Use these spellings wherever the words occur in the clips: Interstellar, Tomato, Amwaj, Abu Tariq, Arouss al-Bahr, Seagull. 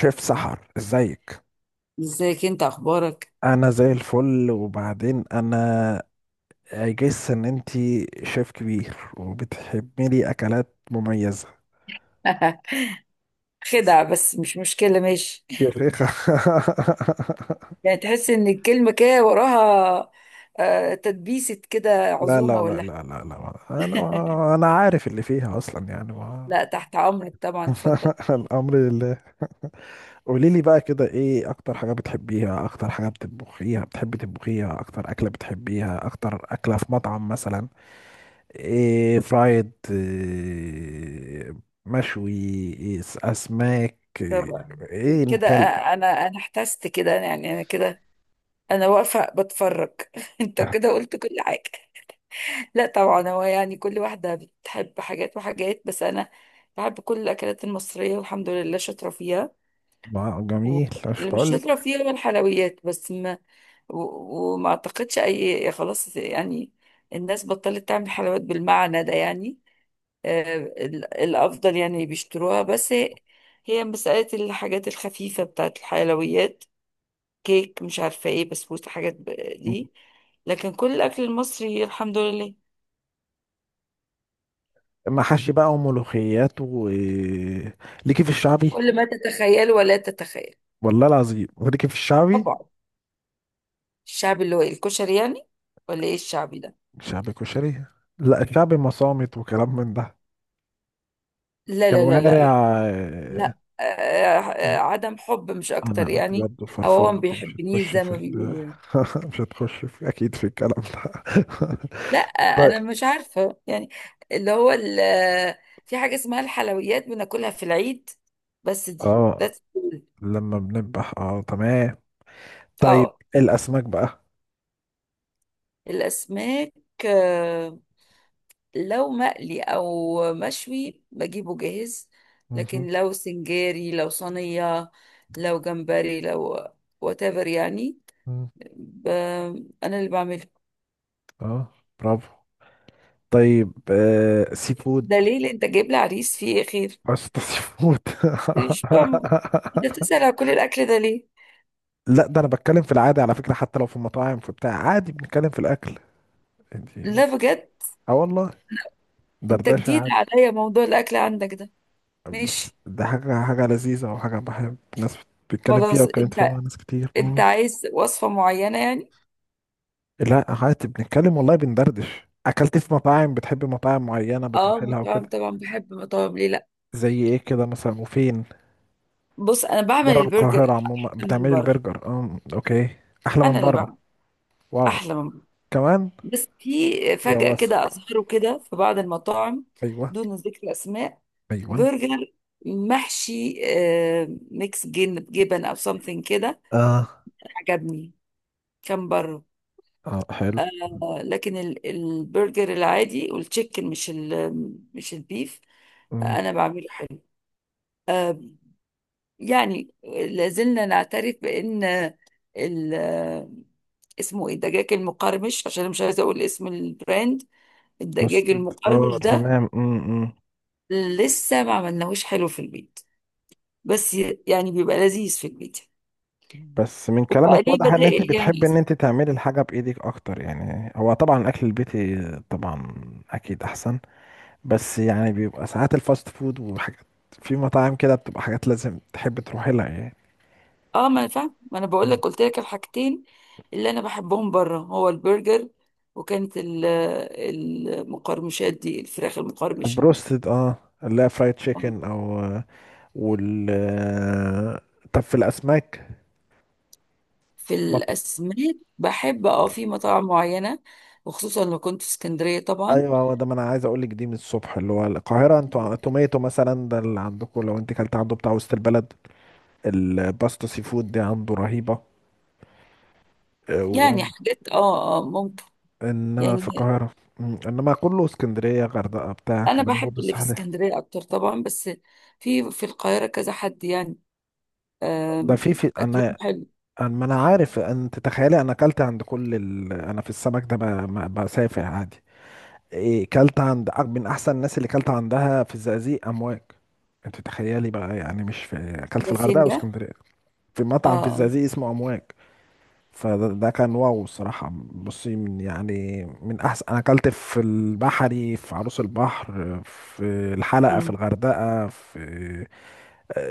شيف سحر، ازيك؟ ازيك انت اخبارك؟ انا زي الفل. وبعدين انا اجس ان انتي شيف كبير وبتحبي لي اكلات مميزة، خدعة، بس مش مشكلة، ماشي. يا شيخة. يعني تحس ان الكلمة كده وراها تدبيسة كده. لا عزومة لا لا ولا لا لا لا، انا عارف اللي فيها اصلا يعني ما... لا، تحت امرك طبعا، اتفضل. الامر لله. قولي لي بقى كده، ايه اكتر حاجة بتحبيها؟ اكتر حاجة بتطبخيها، بتحبي تطبخيها، اكتر اكلة بتحبيها، اكتر اكلة في مطعم مثلا؟ إيه، فرايد؟ إيه مشوي؟ أسماك؟ إيه طبعا إيه كده. نكل؟ انا احتست كده، يعني انا كده. انا واقفة بتفرج. انت كده قلت كل حاجة. لا طبعا، هو يعني كل واحدة بتحب حاجات وحاجات، بس انا بحب كل الاكلات المصرية والحمد لله شاطرة فيها. و- جميل، مش اللي مش شاطرة بقولك؟ فيها هو الحلويات بس. ما و- وما اعتقدش اي خلاص يعني. الناس بطلت تعمل حلويات بالمعنى ده يعني. الافضل يعني بيشتروها، بس هي هي مسألة الحاجات الخفيفة بتاعت الحلويات، كيك، مش عارفة ايه، بسبوسة، حاجات دي. لكن كل الأكل المصري الحمد لله محاشي بقى وملوخيات و إيه، ليكي في الشعبي؟ كل ما تتخيل ولا تتخيل. والله العظيم، وليكي في الشعبي؟ طبعا. الشعب اللي هو الكشري يعني، ولا ايه الشعبي ده؟ شعبي كشري؟ لا، الشعبي مصامت وكلام من ده. لا لا لا كوارع لا إيه، لا. عدم حب مش انا اكتر قلت يعني. برضه او هو فرفورة ما انت، مش بيحبنيش هتخش زي في ما ال... بيقولوا يعني. مش هتخش في اكيد في الكلام ده. لا، طيب، انا مش عارفه يعني. اللي هو ال- آه، في حاجه اسمها الحلويات بناكلها في العيد، بس دي اه، that's all. لما بنذبح. اه تمام. طيب، اه. الاسماك بقى. الاسماك، آه، لو مقلي او مشوي بجيبه جاهز، لكن مهم. لو سنجاري، لو صينيه، لو جمبري، لو whatever يعني. مم. ب- انا اللي بعمله. اه، برافو. طيب آه، سي فود؟ ده ليه؟ لأ، انت جايب لي عريس فيه ايه خير؟ قشطة، سي فود. مش فاهمة، انت بتسأل على كل الاكل ده ليه؟ لا، ده انا بتكلم في العادي على فكرة، حتى لو في المطاعم في بتاع عادي بنتكلم في الاكل. انتي؟ لا بجد، اه والله، انت دردشة جديد عادي. عليا موضوع الاكل عندك ده. بس ماشي. ده حاجة، حاجة لذيذة وحاجة بحب ناس بتتكلم فيها، خلاص، واتكلمت فيها انت مع ناس كتير. انت مم. عايز وصفة معينة يعني؟ لا عادي، بنتكلم والله، بندردش. اكلت في مطاعم؟ بتحب مطاعم معينة اه، بتروح لها مطاعم وكده؟ طبعا بحب مطاعم، ليه لا؟ زي ايه كده مثلا، وفين؟ بص، انا بعمل بره البرجر القاهرة عموما؟ احلى من بتعملي بره. البرجر؟ اه اوكي، احلى من انا اللي بره! بعمل واو، احلى من بره. كمان. بس في يا فجأة كده واثق. اظهروا كده في بعض المطاعم، ايوه. دون ذكر اسماء، ايوه. برجر محشي ميكس جبن او سمثينج كده، اه، عجبني، كان بره. اه، حلو. آه لكن البرجر العادي والتشيكن، مش ال، مش البيف، امم. انا بعمله حلو. آه. يعني لازلنا نعترف بان ال، اسمه ايه، الدجاج المقرمش، عشان أنا مش عايزه اقول اسم البراند. بس الدجاج اه، المقرمش ده تمام. امم، لسه ما عملناهوش حلو في البيت، بس يعني بيبقى لذيذ في البيت بس من كلامك وبقى ليه واضح ان انت بدائل بتحب يعني. ان انت تعملي الحاجة بايدك اكتر، يعني هو طبعا الاكل البيتي طبعا اكيد احسن. بس يعني بيبقى ساعات الفاست فود وحاجات، في مطاعم كده بتبقى حاجات لازم تحب تروحي لها يعني. اه ما انا فاهم، ما انا بقول لك، قلت لك الحاجتين اللي انا بحبهم بره، هو البرجر، وكانت ال- المقرمشات دي، الفراخ المقرمشه. بروستد؟ اه، لا، فرايد آه. تشيكن او آه، وال آه، طب في الاسماك؟ في مط... الاسماك بحب، اه، في مطاعم معينه، وخصوصا لو كنت في اسكندريه طبعا. ايوه، هو ده ما انا عايز اقول لك، دي من الصبح. اللي هو القاهره، انتوا توميتو مثلا، ده اللي عندكم، لو انت كلت عنده، بتاع وسط البلد، الباستا سي فود دي عنده رهيبه، آه، و... يعني حاجات، اه اه، ممكن انما في يعني، القاهره. مم، انما كله اسكندريه، غردقه بتاع انا كلام بحب برضه اللي في سهل. اسكندريه اكتر طبعا، بس في القاهره كذا حد يعني، ده آم، في اكلهم انا، حلو. انا ما انا عارف، انت تخيلي انا اكلت عند كل ال... انا في السمك ده بسافر عادي. إيه، كلت عند من احسن الناس اللي كلت عندها في الزقازيق، امواج. انت تخيلي بقى، يعني مش في اكلت في ياسين الغردقه ده. واسكندريه، في اه. مطعم في آه. الزقازيق اسمه امواج. فده ده كان واو، الصراحه. بصي، من يعني من احسن، انا اكلت في البحري في عروس البحر، في الحلقه في مم. الغردقه، في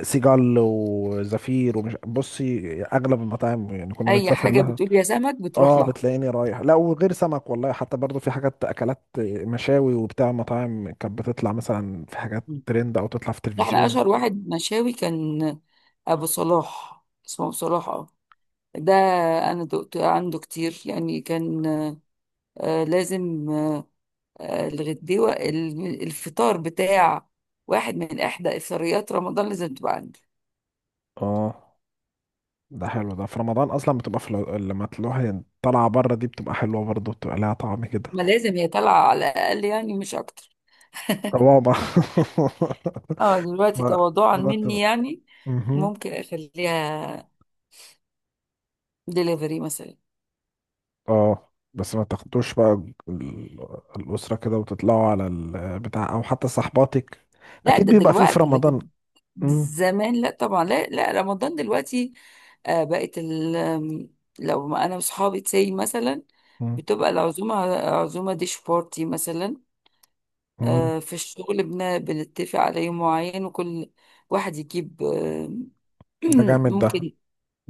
سيجال وزفير ومش بصي اغلب المطاعم يعني كنا اي بنسافر حاجه لها. بتقول يا سمك بتروح اه، لها. بتلاقيني رايح. لا وغير سمك، والله حتى برضو في حاجات اكلات، مشاوي وبتاع، مطاعم كانت بتطلع مثلا في حاجات مم. ترند، او تطلع في احنا التلفزيون. اشهر واحد مشاوي كان ابو صلاح، اسمه ابو صلاح، اه. ده انا دقت عنده كتير يعني، كان لازم آه، الغديوه، ال- الفطار بتاع واحد من احدى افطاريات رمضان لازم تبقى عندي. اه، ده حلو. ده في رمضان اصلا بتبقى في لما تروح طالعه بره، دي بتبقى حلوه برضو، بتبقى لها طعم كده. ما لازم هي طالعه على الاقل يعني، مش اكتر. طبعا. اه دلوقتي ما تواضعا ده، ما مني يعني. مهم. ممكن اخليها دليفري مثلا. اه، بس ما تاخدوش بقى ال- الاسره كده وتطلعوا على البتاع، او حتى صحباتك. لا، اكيد ده بيبقى فيه في دلوقتي، رمضان. لكن مم. زمان لا طبعا. لا لا، رمضان دلوقتي آه بقت ال لو ما انا وصحابي تسي مثلا، مم. بتبقى العزومه عزومه ديش بارتي مثلا. مم. آه، في الشغل بنتفق على يوم معين وكل واحد يجيب ده جامد ده، ممكن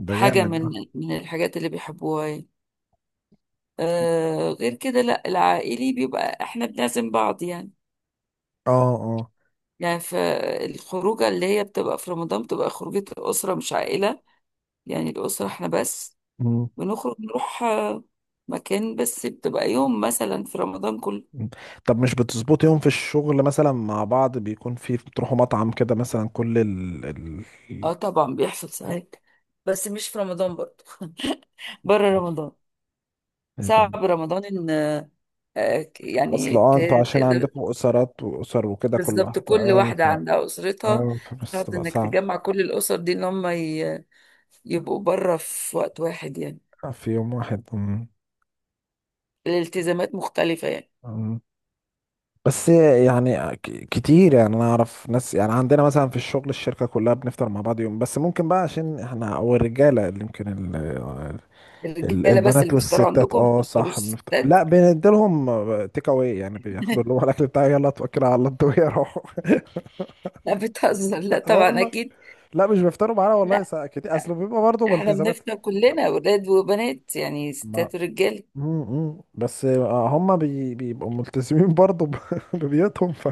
ده حاجه جامد ده. من من الحاجات اللي بيحبوها يعني. آه غير كده لا، العائلي بيبقى احنا بنعزم بعض يعني. اه اه. يعني فالخروجه اللي هي بتبقى في رمضان، بتبقى خروجه الاسره مش عائله، يعني الاسره احنا بس مم. بنخرج نروح مكان، بس بتبقى يوم مثلا في رمضان كله. مم. طب مش بتظبط يوم في الشغل مثلا مع بعض، بيكون في بتروحوا مطعم كده مثلا كل ال ال... اه طبعا بيحصل ساعات، بس مش في رمضان برضه، بره رمضان. إيه ده؟ صعب رمضان ان اصل اه انتوا عشان تقدر. عندكم اسرات واسر وكده، كل بالظبط، واحد، كل اه واحدة ف-، عندها أسرتها. اه ف-، بس صعب تبقى انك صعبة تجمع كل الأسر دي ان هم يبقوا بره في وقت واحد يعني. في يوم واحد. مم. الالتزامات مختلفة يعني. مم. بس يعني كتير يعني، انا اعرف ناس يعني، عندنا مثلا في الشغل الشركة كلها بنفطر مع بعض يوم، بس ممكن بقى عشان احنا او الرجالة اللي يمكن الرجالة بس البنات اللي بيفطروا والستات، عندكم؟ ما اه بتفطروش صح، بنفت... الستات؟ لا بنديلهم تيك اواي يعني، بياخدوا اللي هو الاكل بتاعي، يلا اتوكل على الله انتوا يروحوا. لا بتهزر، لا اه طبعا والله، أكيد. لا مش بيفطروا معانا والله، لا، ساعة كتير اصل بيبقى برضه احنا بالتزامات. بنفطر كلنا ولاد وبنات يعني، ما ستات ورجاله. امم، بس آه، هم بي... بيبقوا ملتزمين برضه ب... ببيوتهم، ف...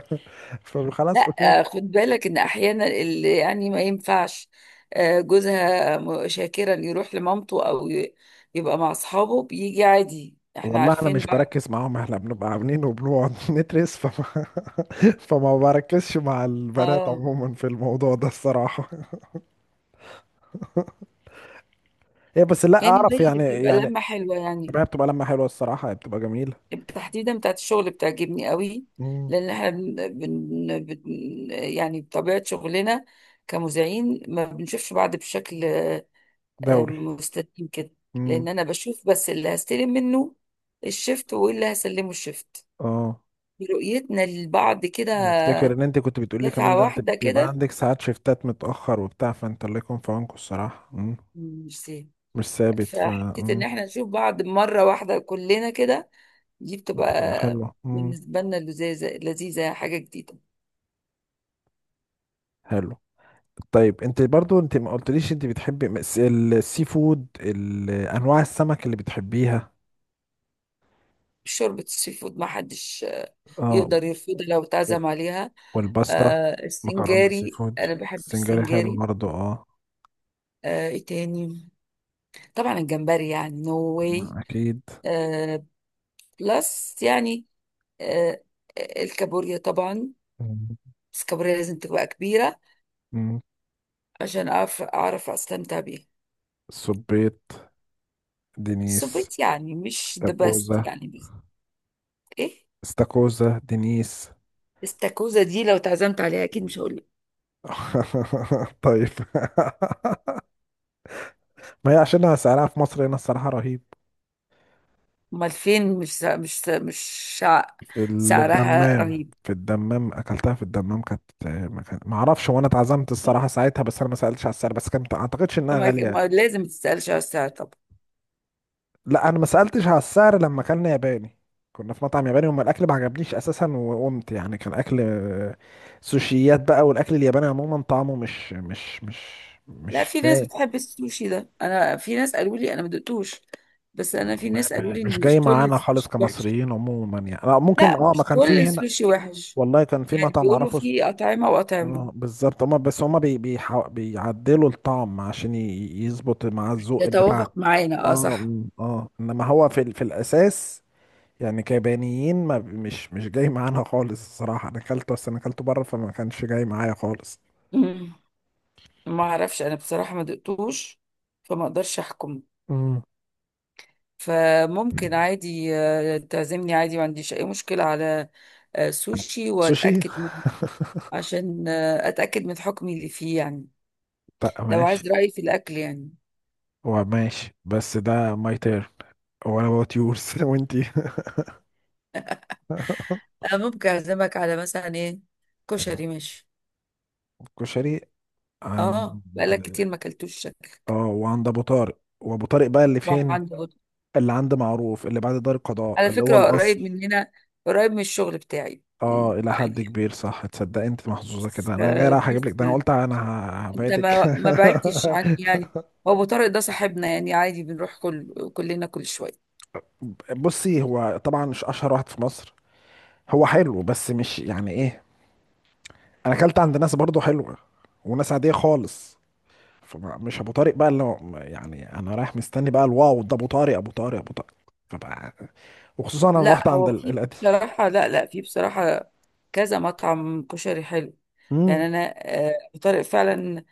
فخلاص اوكي. لا، خد بالك ان احيانا اللي يعني ما ينفعش، جوزها شاكرا يروح لمامته او يبقى مع اصحابه، بيجي عادي، احنا والله انا عارفين مش بعض. بركز معاهم، احنا بنبقى عاملين وبنقعد ندرس، فما, فما بركزش مع البنات اه. عموما في الموضوع ده الصراحة. هي بس لا يعني اعرف هي يعني بتبقى يعني. لمة حلوة يعني، ما هي بتبقى لما حلوه الصراحه، هي بتبقى جميله. تحديدا بتاعت الشغل بتعجبني قوي، مم. لان احنا يعني بطبيعة شغلنا كمذيعين ما بنشوفش بعض بشكل دوري. مستلزم كده، مم. لان انا بشوف بس اللي هستلم منه الشفت، واللي هسلمه الشفت، اه، برؤيتنا لبعض كده أنا افتكر ان انت كنت بتقولي كمان دفعة ده، انت واحدة بيبقى كده، عندك ساعات شيفتات متاخر وبتاع، فانت الله يكون في عونكم الصراحه. مم. مش سهل. مش ثابت ف... فحتة ان مم. احنا نشوف بعض مرة واحدة كلنا كده، دي بتبقى بتبقى حلوه. مم. بالنسبة لنا لذيذة، لذيذة، حاجة جديدة. حلو. طيب انت برضو انت ما قلتليش انت بتحبي السي فود، ال- انواع السمك اللي بتحبيها. شوربة السي فود ما حدش اه. يقدر يرفضها لو و- اتعزم عليها. والباستا، مكرونه سي السنجاري، فود. انا بحب السنجاري حلو السنجاري. برضو، اه. آه، ايه تاني؟ طبعا الجمبري، يعني نو واي ما اكيد. بلس يعني. آه، الكابوريا طبعا، مم. بس الكابوريا لازم تبقى كبيرة مم. عشان أعرف أستمتع بيها. السبيط، دينيس، السبيت يعني مش ذا بيست استاكوزا. يعني، بس. إيه. استاكوزا، دينيس. استاكوزا دي لو اتعزمت عليها أكيد مش هقول لك. طيب. ما هي عشان سعرها في مصر هنا الصراحة رهيب. أمال فين؟ مش سع- مش سع- مش شع- في سعرها الدمام، رهيب. في الدمام اكلتها، في الدمام كانت، ما ما اعرفش، وانا اتعزمت الصراحة ساعتها، بس انا ما سألتش على السعر، بس كانت ما اعتقدش انها ما غالية. ما لازم تسألش على السعر طبعا. لا انا ما سألتش على السعر لما اكلنا ياباني. كنا في مطعم ياباني، وما الاكل ما عجبنيش اساسا، وقمت يعني كان اكل آه، سوشيات بقى، والاكل الياباني عموما طعمه مش مش مش لا، مش في ناس لايق. بتحب السوشي ده، أنا في ناس قالوا لي، أنا ما دقتوش، بس أنا في ناس قالوا لي مش إن جاي مش كل معانا خالص السوشي وحش. كمصريين عموما يعني، لا ممكن لا، اه، ما مش كان كل فيه هنا. السوشي وحش، والله كان في يعني مطعم بيقولوا اعرفه اس-. في أطعمة وأطعمة. اه بالظبط، هما بس هما بيعدلوا الطعم عشان يظبط مع الذوق بتاعنا. يتوافق معانا، اه اه صح. م، اه انما هو في في الاساس يعني كيابانيين، ما مش جاي معانا خالص الصراحه، انا اكلته، بس انا اكلته بره فما كانش جاي معايا خالص. مم. ما اعرفش، انا بصراحة ما دقتوش فما اقدرش احكم. مم. فممكن عادي تعزمني عادي، ما عنديش اي مشكلة على سوشي سوشي. واتأكد منه، عشان اتأكد من حكمي اللي فيه يعني، لا لو ماشي. عايز رأيي في الاكل يعني. هو ماشي، بس ده ماي تير ولا وات يورز؟ وانتي. انا ممكن اعزمك على مثلا ايه؟ كشري، ماشي؟ كشري؟ اه عند، بقالك كتير ما اكلتوش شكلك. اه، وعند ابو طارق. وابو طارق بقى اللي ما هو فين؟ عنده. اللي عند معروف اللي بعد دار القضاء، على اللي هو فكرة قريب الاصل. مننا، قريب من الشغل بتاعي، اه، الى حد كبير، صح. تصدق انت محظوظه كده، انا جاي رايح اجيب لك فبيس ده، انا يعني، قلت انا انت هبعدك. ما ما بعدتش عني يعني. هو ابو طارق ده صاحبنا يعني، عادي بنروح كل كلنا كل شويه. بصي هو طبعا مش اشهر واحد في مصر، هو حلو بس مش يعني ايه، انا اكلت عند ناس برضو حلوه وناس عاديه خالص. فمش ابو طارق بقى اللي هو، يعني انا رايح مستني بقى الواو ده، ابو طارق ابو طارق ابو طارق، فبقى. وخصوصا انا رحت لا هو عند في، القديم. بصراحه لا لا، في بصراحه كذا مطعم كشري حلو امم. يعني. انا ابو طارق فعلا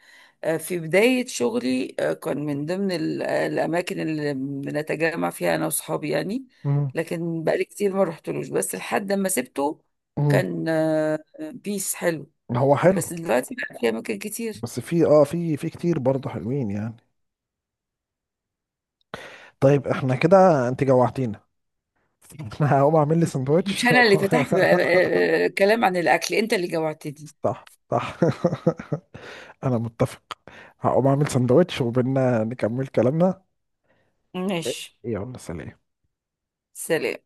في بدايه شغلي كان من ضمن الاماكن اللي بنتجمع فيها انا واصحابي يعني، امم. لكن بقالي كتير ما رحتلوش بس لحد ما سبته. امم. كان بيس حلو، هو حلو. بس دلوقتي بقى في اماكن كتير. بس في اه، في كتير برضه حلوين يعني. طيب احنا كده انت جوعتينا. انا هقوم اعمل لي سندوتش. مش انا اللي فتحت كلام عن الاكل، انت اللي جوعتني. صح صح. انا متفق. هقوم اعمل سندوتش، وبينا نكمل كلامنا. ماشي. يلا سلام. سلام.